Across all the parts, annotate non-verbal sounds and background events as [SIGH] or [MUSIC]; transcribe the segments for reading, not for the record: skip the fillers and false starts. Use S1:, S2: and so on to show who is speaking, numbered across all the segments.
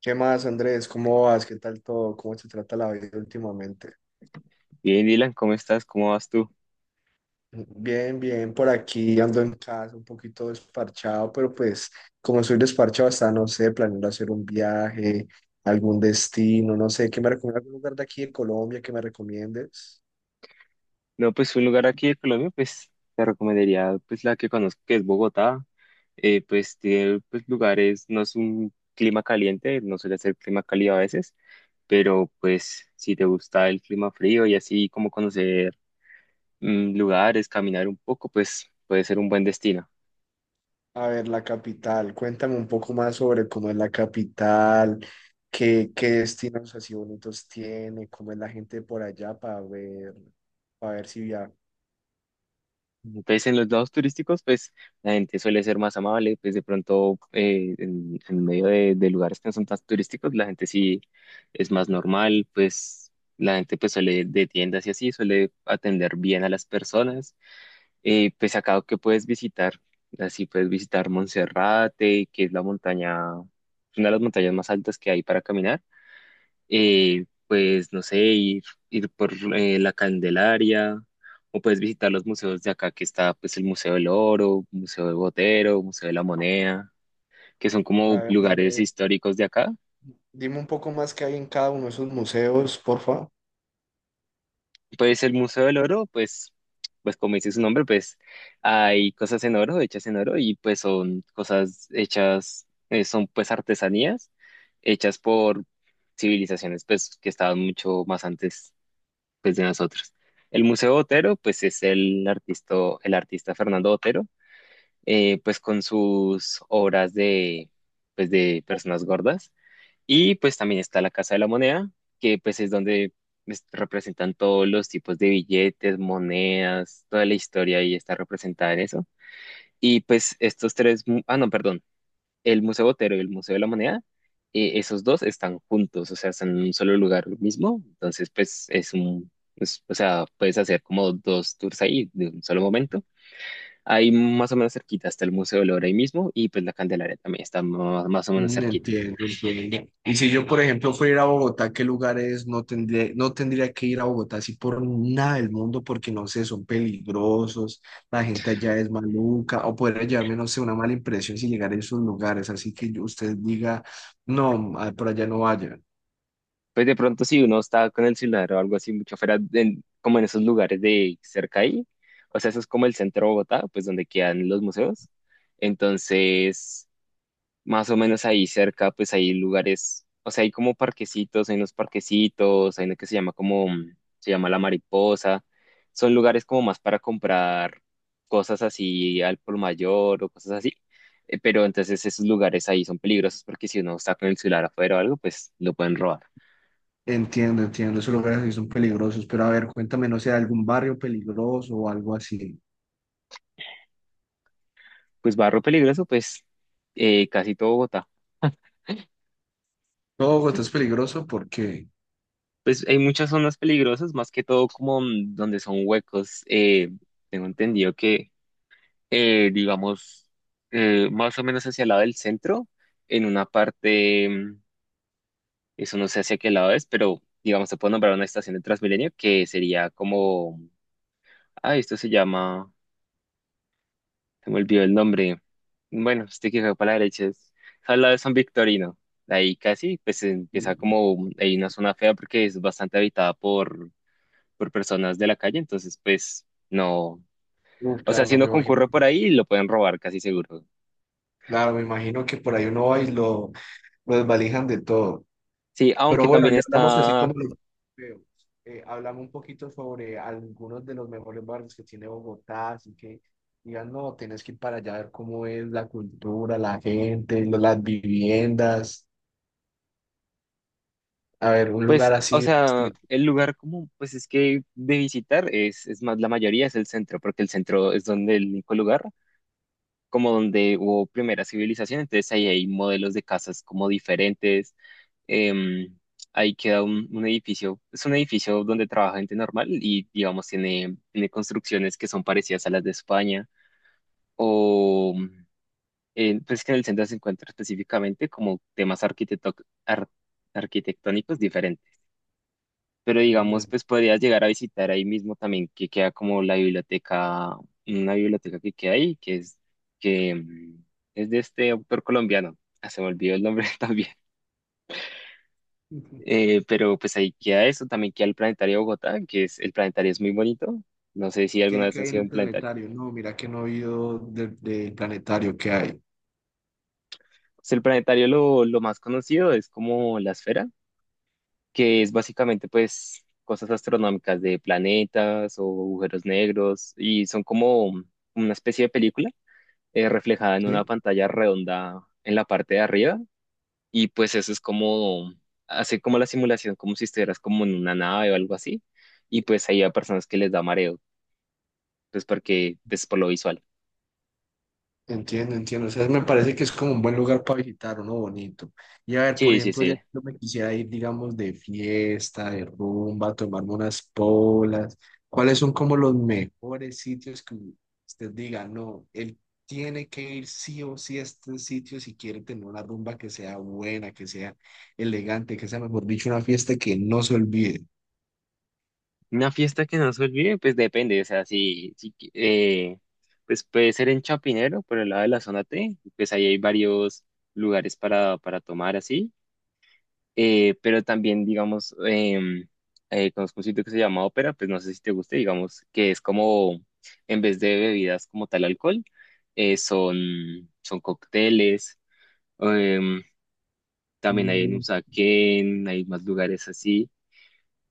S1: ¿Qué más, Andrés? ¿Cómo vas? ¿Qué tal todo? ¿Cómo se trata la vida últimamente?
S2: Bien, Dylan, ¿cómo estás? ¿Cómo vas tú?
S1: Bien, bien, por aquí ando en casa un poquito desparchado, pero pues como soy desparchado hasta, no sé, planeando hacer un viaje, algún destino, no sé, ¿qué me recomiendas? ¿Algún lugar de aquí de Colombia que me recomiendes?
S2: No, pues un lugar aquí de Colombia, pues te recomendaría pues la que conozco, que es Bogotá. Pues tiene pues, lugares, no es un clima caliente, no suele ser clima cálido a veces, pero pues si te gusta el clima frío y así como conocer lugares, caminar un poco, pues puede ser un buen destino.
S1: A ver, la capital, cuéntame un poco más sobre cómo es la capital, qué destinos así bonitos tiene, cómo es la gente por allá para ver si viajo.
S2: Entonces, en los lados turísticos, pues la gente suele ser más amable, pues de pronto en, medio de, lugares que no son tan turísticos, la gente sí es más normal, pues la gente pues suele de tiendas y así, suele atender bien a las personas. Pues acá que puedes visitar, así puedes visitar Monserrate, que es la montaña, una de las montañas más altas que hay para caminar, pues no sé, ir, por la Candelaria, o puedes visitar los museos de acá, que está pues el Museo del Oro, Museo de Botero, Museo de la Moneda, que son
S1: A
S2: como
S1: ver,
S2: lugares
S1: dime.
S2: históricos de acá.
S1: Dime un poco más qué hay en cada uno de esos museos, porfa.
S2: Pues el Museo del Oro, pues, como dice su nombre, pues hay cosas en oro, hechas en oro, y pues son cosas hechas, son pues artesanías hechas por civilizaciones pues que estaban mucho más antes pues de nosotros. El Museo Botero, pues es el artista, Fernando Botero, pues con sus obras de, pues de personas gordas. Y pues también está la Casa de la Moneda, que pues es donde representan todos los tipos de billetes, monedas; toda la historia ahí está representada en eso. Y pues estos tres, ah, no, perdón, el Museo Botero y el Museo de la Moneda, esos dos están juntos, o sea, están en un solo lugar mismo. Entonces, pues es un, o sea, puedes hacer como dos tours ahí de un solo momento. Ahí más o menos cerquita está el Museo del Oro ahí mismo, y pues la Candelaria también está más, o menos
S1: Mm,
S2: cerquita.
S1: entiendo, entiendo. Y si yo, por ejemplo, fuera a ir a Bogotá, ¿qué lugares no tendría que ir a Bogotá así por nada del mundo? Porque no sé, son peligrosos, la gente allá es maluca, o podría llevarme, no sé, una mala impresión si llegar a esos lugares. Así que usted diga, no, por allá no vaya.
S2: Pues de pronto si uno está con el celular o algo así mucho fuera, como en esos lugares de cerca ahí, o sea, eso es como el centro de Bogotá, pues donde quedan los museos. Entonces, más o menos ahí cerca, pues hay lugares, o sea, hay como parquecitos, hay unos parquecitos, hay uno que se llama como, se llama La Mariposa, son lugares como más para comprar cosas así al por mayor o cosas así. Pero entonces esos lugares ahí son peligrosos, porque si uno está con el celular afuera o algo, pues lo pueden robar.
S1: Entiendo, entiendo, esos lugares sí son peligrosos, pero a ver, cuéntame, no sé, algún barrio peligroso o algo así.
S2: Pues barrio peligroso, pues casi todo Bogotá.
S1: ¿Todo Bogotá es
S2: [LAUGHS]
S1: peligroso? ¿Por qué?
S2: Pues hay muchas zonas peligrosas, más que todo como donde son huecos. Tengo entendido que, digamos, más o menos hacia el lado del centro, en una parte, eso no sé hacia qué lado es, pero digamos, se puede nombrar una estación de Transmilenio que sería como, ah, esto se llama, se me olvidó el nombre, bueno, este que va para la derecha es, al lado de San Victorino. Ahí casi, pues empieza como, hay una zona fea porque es bastante habitada por, personas de la calle, entonces pues no,
S1: Uf,
S2: o sea,
S1: claro,
S2: si
S1: no
S2: uno
S1: me imagino.
S2: concurre por ahí, lo pueden robar casi seguro.
S1: Claro, me imagino que por ahí uno va y lo desvalijan de todo.
S2: Sí,
S1: Pero
S2: aunque
S1: bueno,
S2: también
S1: ya hablamos así como
S2: está.
S1: los veo. Hablamos un poquito sobre algunos de los mejores barrios que tiene Bogotá, así que digan, no, tienes que ir para allá a ver cómo es la cultura, la gente, las viviendas, a ver, un lugar
S2: Pues,
S1: así
S2: o
S1: de
S2: sea,
S1: estilo.
S2: el lugar como, pues es que de visitar es, más, la mayoría es el centro, porque el centro es donde el único lugar, como donde hubo primera civilización, entonces ahí hay modelos de casas como diferentes. em, ahí queda un, edificio, es un edificio donde trabaja gente normal, y, digamos, tiene construcciones que son parecidas a las de España, o, pues que en el centro se encuentra específicamente como temas ar- arquitectónicos diferentes. Pero
S1: Mm.
S2: digamos, pues podrías llegar a visitar ahí mismo también, que queda como la biblioteca, una biblioteca que queda ahí, que es de este autor colombiano. Ah, se me olvidó el nombre [LAUGHS] también. Pero pues ahí queda eso; también queda el Planetario de Bogotá, que es, el Planetario es muy bonito. No sé si alguna
S1: ¿Qué,
S2: vez
S1: qué
S2: has
S1: hay en
S2: sido
S1: el
S2: un planetario.
S1: planetario? No, mira que no he oído del planetario que hay.
S2: Pues el Planetario, lo más conocido es como la esfera, que es básicamente pues cosas astronómicas de planetas o agujeros negros, y son como, una especie de película, reflejada en una
S1: ¿Sí?
S2: pantalla redonda en la parte de arriba, y pues eso es como, hace como la simulación, como si estuvieras como en una nave o algo así. Y pues ahí hay personas que les da mareo, pues porque es por lo visual.
S1: Entiendo, entiendo. O sea, me parece que es como un buen lugar para visitar, uno bonito. Y a ver, por
S2: Sí, sí,
S1: ejemplo, ya
S2: sí.
S1: yo me quisiera ir, digamos, de fiesta, de rumba, tomarme unas polas. ¿Cuáles son como los mejores sitios que usted diga, no, él tiene que ir sí o sí a este sitio si quiere tener una rumba que sea buena, que sea elegante, que sea, mejor dicho, una fiesta que no se olvide?
S2: Una fiesta que no se olvide, pues depende, o sea, si pues puede ser en Chapinero, por el lado de la zona T, pues ahí hay varios lugares para, tomar así. Pero también, digamos, conozco un sitio que se llama Ópera, pues no sé si te guste, digamos, que es como, en vez de bebidas como tal alcohol, son cócteles. em, también hay en Usaquén, hay más lugares así,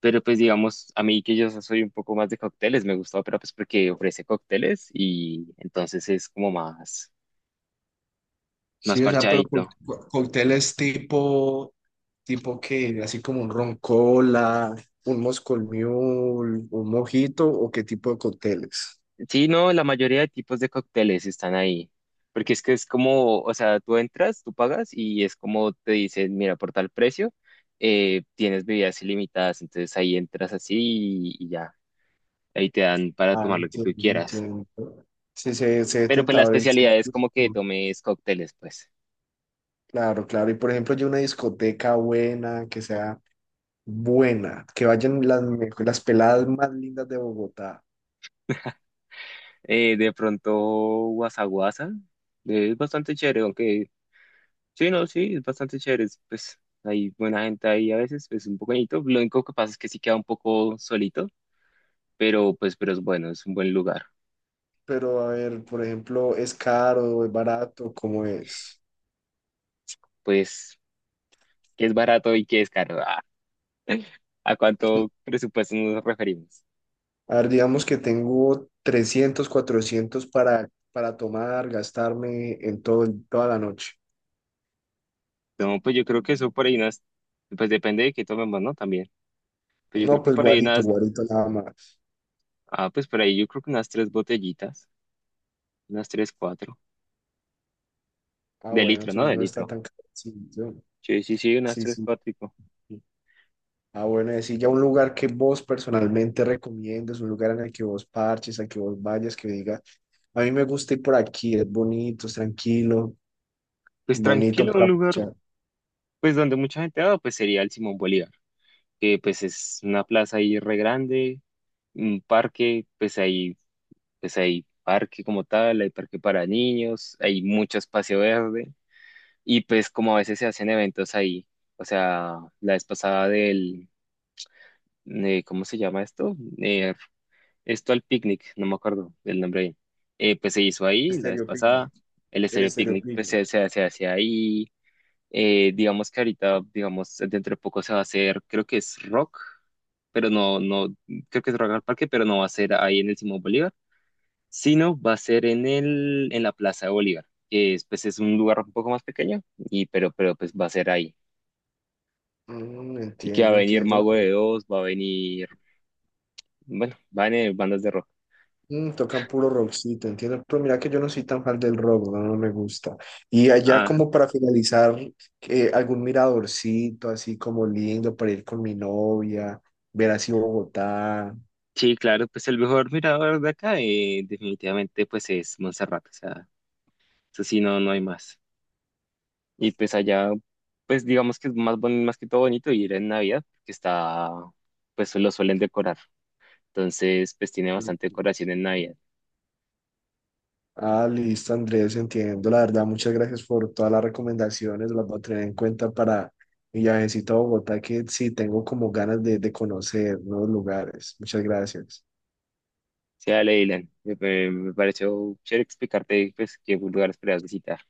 S2: pero pues digamos, a mí que yo soy un poco más de cócteles, me gusta Ópera, pues porque ofrece cócteles, y entonces es como más
S1: Sí, o sea, pero
S2: parchadito.
S1: cócteles tipo, tipo que, así como un ron cola, un Moscow Mule, un mojito, o qué tipo de cócteles.
S2: Sí, no, la mayoría de tipos de cócteles están ahí, porque es que es como, o sea, tú entras, tú pagas, y es como te dicen, mira, por tal precio, tienes bebidas ilimitadas, entonces ahí entras así y ya, ahí te dan para
S1: Ah,
S2: tomar lo que tú
S1: entiendo,
S2: quieras.
S1: entiendo. Sí, se ve
S2: Pero pues la
S1: tentador el
S2: especialidad es
S1: sitio.
S2: como que tomes cócteles, pues.
S1: Claro, claro. Y por ejemplo, yo una discoteca buena, que sea buena, que vayan las peladas más lindas de Bogotá.
S2: De pronto, guasa guasa, es bastante chévere, aunque sí, no, sí, es bastante chévere, es, pues hay buena gente ahí a veces, es un poco bonito, lo único que pasa es que sí queda un poco solito, pero pues, pero es bueno, es un buen lugar.
S1: Pero a ver, por ejemplo, ¿es caro, es barato? ¿Cómo es?
S2: Pues, ¿qué es barato y qué es caro? Ah, ¿a cuánto presupuesto nos referimos?
S1: A ver, digamos que tengo 300, 400 para tomar, gastarme en todo, toda la noche.
S2: No, pues yo creo que eso por ahí unas, pues depende de qué tomemos, ¿no? También. Pues yo creo
S1: No,
S2: que
S1: pues
S2: por ahí
S1: guarito,
S2: unas,
S1: guarito nada más.
S2: pues por ahí yo creo que unas tres botellitas, unas tres, cuatro,
S1: Ah,
S2: de
S1: bueno,
S2: litro, ¿no?
S1: entonces
S2: De
S1: no está
S2: litro.
S1: tan caro. Sí,
S2: Sí, sí, sí, unas
S1: sí,
S2: tres,
S1: sí.
S2: cuatro.
S1: Ah, bueno, decir ya un lugar que vos personalmente recomiendas, un lugar en el que vos parches, al que vos vayas, que digas, a mí me gusta ir por aquí, es bonito, es tranquilo,
S2: Pues
S1: bonito
S2: tranquilo, un
S1: para
S2: lugar,
S1: parchar.
S2: pues donde mucha gente va, pues sería el Simón Bolívar, que pues es una plaza ahí re grande, un parque, pues ahí pues hay parque como tal, hay parque para niños, hay mucho espacio verde, y pues como a veces se hacen eventos ahí. O sea, la vez pasada del, ¿cómo se llama esto? Esto al picnic, no me acuerdo el nombre ahí. Pues se hizo ahí la vez pasada,
S1: Estereopiglia,
S2: el
S1: el
S2: estéreo picnic pues
S1: estereopiglia.
S2: se hace ahí. Digamos que ahorita, digamos, dentro de poco se va a hacer, creo que es rock. Pero no, no, creo que es Rock al Parque, pero no va a ser ahí en el Simón Bolívar, sino va a ser en la Plaza de Bolívar, que es, pues, es un lugar un poco más pequeño, y, pero pues va a ser ahí.
S1: Mm,
S2: Y que va a
S1: entiendo,
S2: venir
S1: entiendo.
S2: Mago de Oz, va a venir, bueno, van a venir bandas de rock.
S1: Mm, tocan puro rockcito, entiendo. Pero mira que yo no soy tan fan del rock, no, no me gusta. Y allá
S2: Ah,
S1: como para finalizar, algún miradorcito así como lindo para ir con mi novia, ver así Bogotá.
S2: sí, claro, pues el mejor mirador de acá, definitivamente pues es Monserrate, o sea, eso sí, no, no hay más. Y pues allá, pues digamos que es más, más que todo bonito ir en Navidad, que está, pues lo suelen decorar. Entonces, pues tiene bastante decoración en Navidad.
S1: Ah, listo, Andrés, entiendo. La verdad, muchas gracias por todas las recomendaciones, las voy a tener en cuenta para mi viajecito a Bogotá, que sí tengo como ganas de conocer nuevos lugares. Muchas gracias.
S2: Sí, dale, Dylan. Me pareció chévere explicarte pues qué lugares podrías visitar.